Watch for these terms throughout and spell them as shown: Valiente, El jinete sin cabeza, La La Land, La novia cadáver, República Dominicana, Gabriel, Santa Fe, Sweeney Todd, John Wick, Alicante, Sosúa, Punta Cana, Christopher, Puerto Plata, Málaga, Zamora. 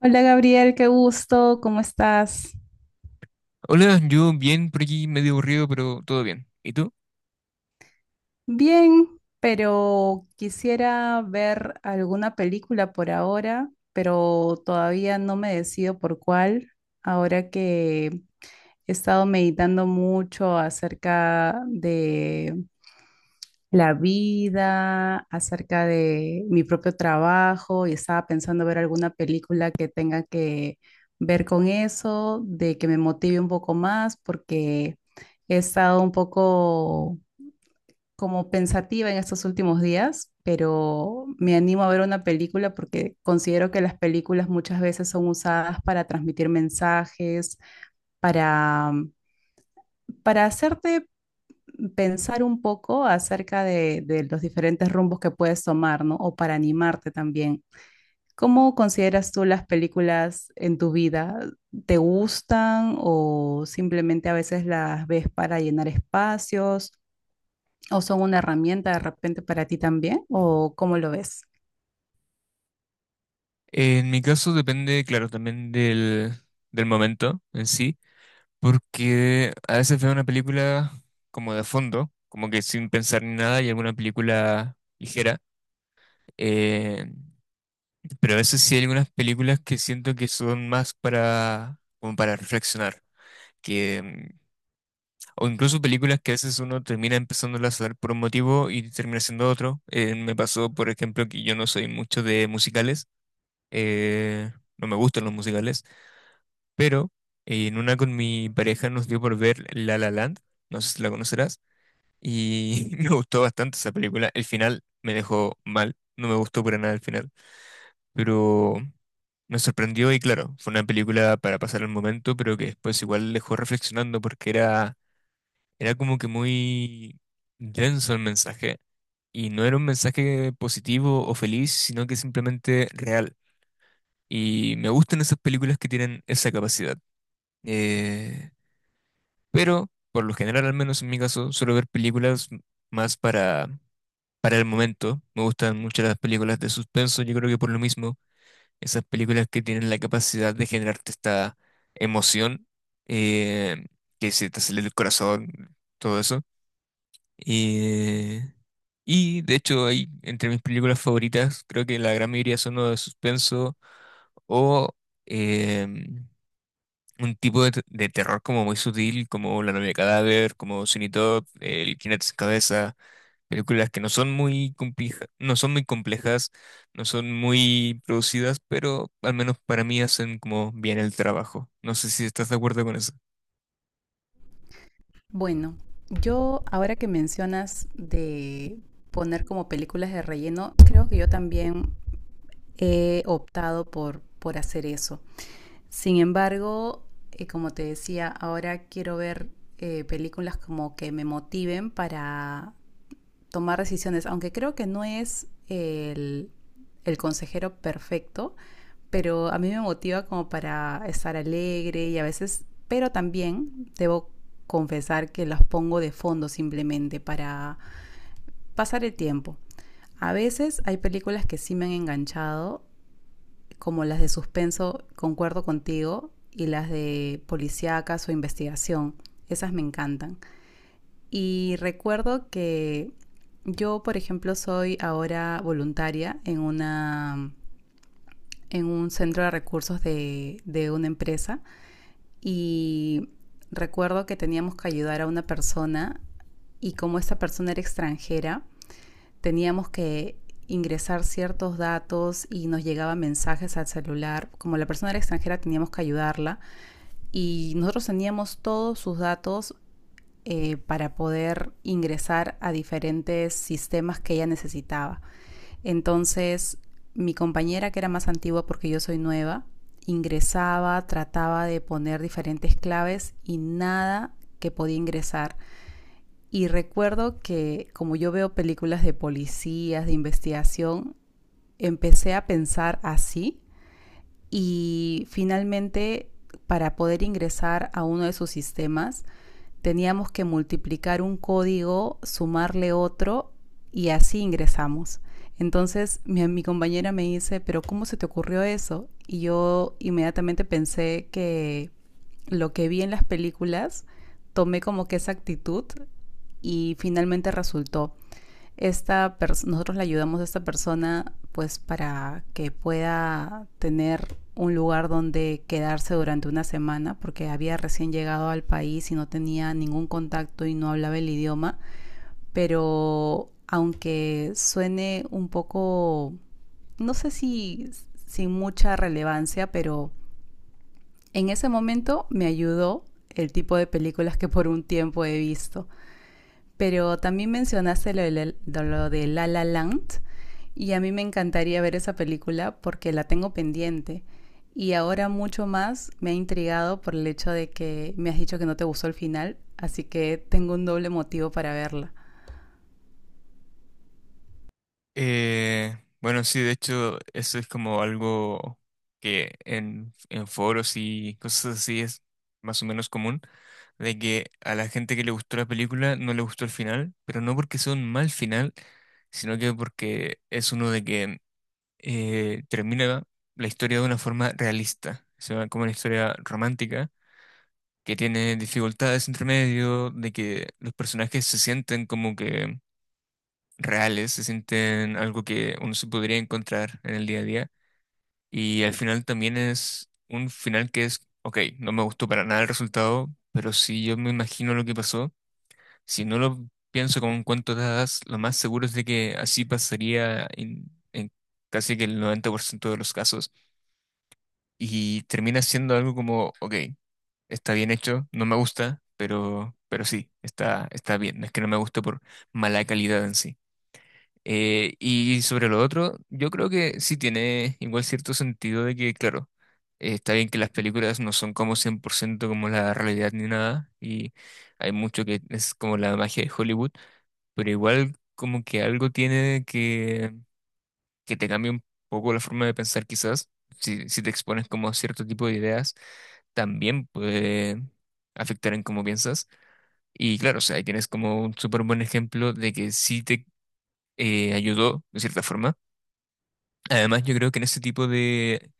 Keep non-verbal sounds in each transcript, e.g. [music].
Hola Gabriel, qué gusto, ¿cómo estás? Hola, yo bien por aquí, medio aburrido, pero todo bien. ¿Y tú? Bien, pero quisiera ver alguna película por ahora, pero todavía no me decido por cuál, ahora que he estado meditando mucho acerca de la vida, acerca de mi propio trabajo y estaba pensando ver alguna película que tenga que ver con eso, de que me motive un poco más, porque he estado un poco como pensativa en estos últimos días, pero me animo a ver una película porque considero que las películas muchas veces son usadas para transmitir mensajes, para para hacerte pensar un poco acerca de los diferentes rumbos que puedes tomar, ¿no? O para animarte también. ¿Cómo consideras tú las películas en tu vida? ¿Te gustan o simplemente a veces las ves para llenar espacios o son una herramienta de repente para ti también? ¿O cómo lo ves? En mi caso depende, claro, también del momento en sí, porque a veces veo una película como de fondo, como que sin pensar ni nada, y alguna película ligera. eh, pero a veces sí hay algunas películas que siento que son más como para reflexionar. Que O incluso películas que a veces uno termina empezándolas a ver por un motivo y termina siendo otro. Me pasó, por ejemplo, que yo no soy mucho de musicales. eh, no me gustan los musicales. Pero en una con mi pareja nos dio por ver La La Land. No sé si la conocerás. Y [laughs] me gustó bastante esa película. El final me dejó mal. No me gustó para nada el final. Pero me sorprendió y claro, fue una película para pasar el momento, pero que después igual dejó reflexionando porque era como que muy denso el mensaje. Y no era un mensaje positivo o feliz, sino que simplemente real. Y me gustan esas películas que tienen esa capacidad. Eh, pero, por lo general, al menos en mi caso, suelo ver películas más para el momento. Me gustan mucho las películas de suspenso. Yo creo que por lo mismo, esas películas que tienen la capacidad de generarte esta emoción, eh, que se te acelera el corazón, todo eso. Y Y de hecho hay entre mis películas favoritas, creo que la gran mayoría son o de suspenso o em, un tipo de terror como muy sutil, como La novia cadáver, como Sweeney Todd, El jinete sin cabeza, películas que no son muy complejas, no son muy producidas, pero al menos para mí hacen como bien el trabajo. No sé si estás de acuerdo con eso. Bueno, yo ahora que mencionas de poner como películas de relleno, creo que yo también he optado por hacer eso. Sin embargo, como te decía, ahora quiero ver películas como que me motiven para tomar decisiones, aunque creo que no es el consejero perfecto, pero a mí me motiva como para estar alegre y a veces, pero también debo confesar que las pongo de fondo simplemente para pasar el tiempo. A veces hay películas que sí me han enganchado como las de suspenso, concuerdo contigo, y las de policíacas o investigación, esas me encantan. Y recuerdo que yo, por ejemplo, soy ahora voluntaria en una en un centro de recursos de una empresa y recuerdo que teníamos que ayudar a una persona y como esta persona era extranjera, teníamos que ingresar ciertos datos y nos llegaban mensajes al celular. Como la persona era extranjera teníamos que ayudarla y nosotros teníamos todos sus datos, para poder ingresar a diferentes sistemas que ella necesitaba. Entonces mi compañera, que era más antigua porque yo soy nueva, ingresaba, trataba de poner diferentes claves y nada que podía ingresar, y recuerdo que como yo veo películas de policías, de investigación, empecé a pensar así y finalmente, para poder ingresar a uno de sus sistemas, teníamos que multiplicar un código, sumarle otro y así ingresamos. Entonces compañera me dice, pero ¿cómo se te ocurrió eso? Y yo inmediatamente pensé que lo que vi en las películas, tomé como que esa actitud y finalmente resultó. Esta, nosotros le ayudamos a esta persona pues para que pueda tener un lugar donde quedarse durante una semana porque había recién llegado al país y no tenía ningún contacto y no hablaba el idioma, pero aunque suene un poco, no sé si sin mucha relevancia, pero en ese momento me ayudó el tipo de películas que por un tiempo he visto. Pero también mencionaste lo lo de La La Land y a mí me encantaría ver esa película porque la tengo pendiente. Y ahora mucho más me ha intrigado por el hecho de que me has dicho que no te gustó el final, así que tengo un doble motivo para verla. Eh, bueno, sí, de hecho, eso es como algo que en foros y cosas así es más o menos común, de que a la gente que le gustó la película no le gustó el final, pero no porque sea un mal final, sino que porque es uno de que termina la historia de una forma realista, o sea, como una historia romántica, que tiene dificultades entre medio, de que los personajes se sienten como que reales, se sienten algo que uno se podría encontrar en el día a día. Y al final también es un final que es, ok, no me gustó para nada el resultado, pero si yo me imagino lo que pasó, si no lo pienso como un cuento de hadas, lo más seguro es de que así pasaría en casi que el 90% de los casos. Y termina siendo algo como, ok, está bien hecho, no me gusta, pero sí, está bien. No es que no me guste por mala calidad en sí. Y sobre lo otro, yo creo que sí tiene igual cierto sentido de que, claro, está bien que las películas no son como 100% como la realidad ni nada, y hay mucho que es como la magia de Hollywood, pero igual como que algo tiene que te cambia un poco la forma de pensar quizás, si te expones como a cierto tipo de ideas, también puede afectar en cómo piensas. Y claro, o sea, ahí tienes como un súper buen ejemplo de que sí te ayudó de cierta forma. Además, yo creo que en ese tipo de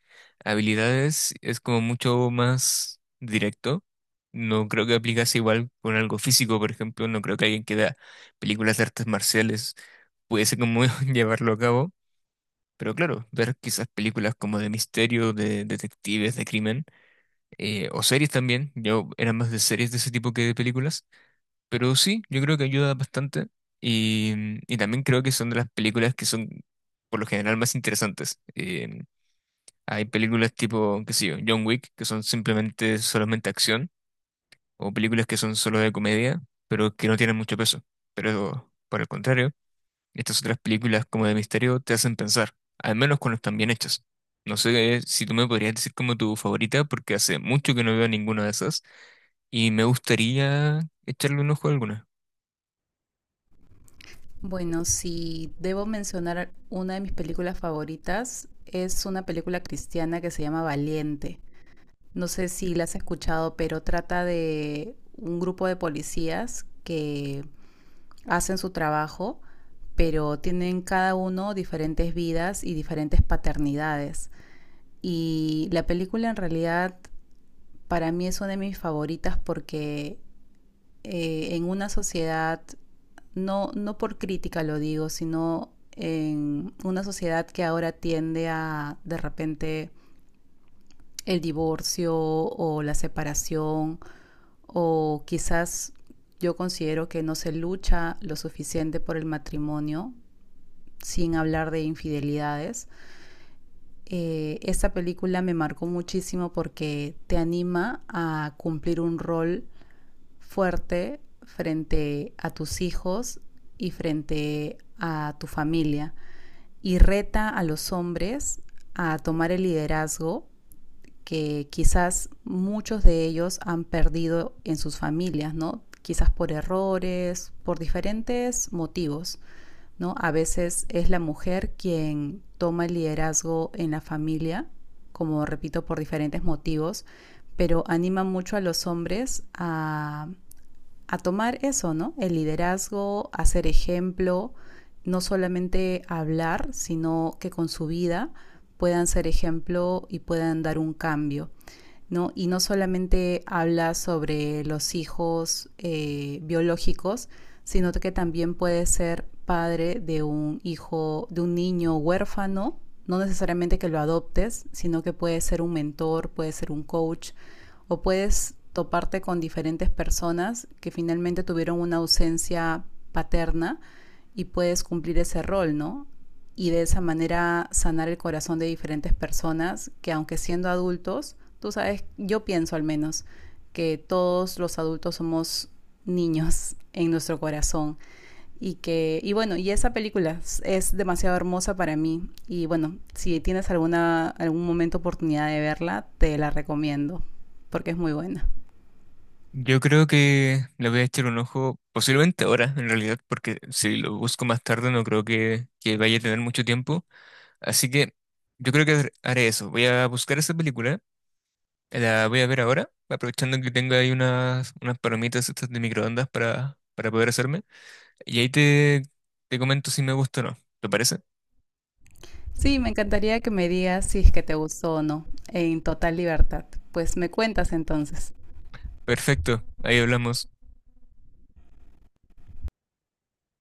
habilidades es como mucho más directo. No creo que aplicase igual con algo físico, por ejemplo. No creo que alguien que da películas de artes marciales pudiese como [laughs] llevarlo a cabo. Pero claro, ver quizás películas como de misterio, de detectives, de crimen, o series también. Yo era más de series de ese tipo que de películas. Pero sí, yo creo que ayuda bastante. Y, y también creo que son de las películas que son por lo general más interesantes. Hay películas tipo, qué sé yo, John Wick, que son simplemente solamente acción, o películas que son solo de comedia, pero que no tienen mucho peso. Pero por el contrario, estas otras películas como de misterio te hacen pensar, al menos cuando están bien hechas. No sé, si tú me podrías decir como tu favorita, porque hace mucho que no veo ninguna de esas, y me gustaría echarle un ojo a alguna. Bueno, si debo mencionar una de mis películas favoritas, es una película cristiana que se llama Valiente. No sé si la has escuchado, pero trata de un grupo de policías que hacen su trabajo, pero tienen cada uno diferentes vidas y diferentes paternidades. Y la película en realidad para mí es una de mis favoritas porque, en una sociedad, no, no por crítica lo digo, sino en una sociedad que ahora tiende a de repente el divorcio o la separación, o quizás yo considero que no se lucha lo suficiente por el matrimonio, sin hablar de infidelidades. Esta película me marcó muchísimo porque te anima a cumplir un rol fuerte frente a tus hijos y frente a tu familia y reta a los hombres a tomar el liderazgo que quizás muchos de ellos han perdido en sus familias, ¿no? Quizás por errores, por diferentes motivos. ¿No? A veces es la mujer quien toma el liderazgo en la familia, como repito, por diferentes motivos, pero anima mucho a los hombres a tomar eso, ¿no? El liderazgo, a ser ejemplo, no solamente hablar, sino que con su vida puedan ser ejemplo y puedan dar un cambio. ¿No? Y no solamente habla sobre los hijos, biológicos, sino que también puede ser padre de un hijo, de un niño huérfano, no necesariamente que lo adoptes, sino que puede ser un mentor, puede ser un coach, o puedes toparte con diferentes personas que finalmente tuvieron una ausencia paterna y puedes cumplir ese rol, ¿no? Y de esa manera sanar el corazón de diferentes personas que aunque siendo adultos, tú sabes, yo pienso al menos que todos los adultos somos niños en nuestro corazón y que, y bueno, y esa película es demasiado hermosa para mí. Y bueno, si tienes alguna, algún momento oportunidad de verla, te la recomiendo, porque es muy buena. Yo creo que le voy a echar un ojo, posiblemente ahora, en realidad, porque si lo busco más tarde no creo que vaya a tener mucho tiempo. Así que yo creo que haré eso. Voy a buscar esa película, la voy a ver ahora, aprovechando que tengo ahí unas palomitas estas de microondas para poder hacerme. Y ahí te comento si me gusta o no. ¿Te parece? Sí, me encantaría que me digas si es que te gustó o no, en total libertad. Pues me cuentas entonces. Perfecto, ahí hablamos.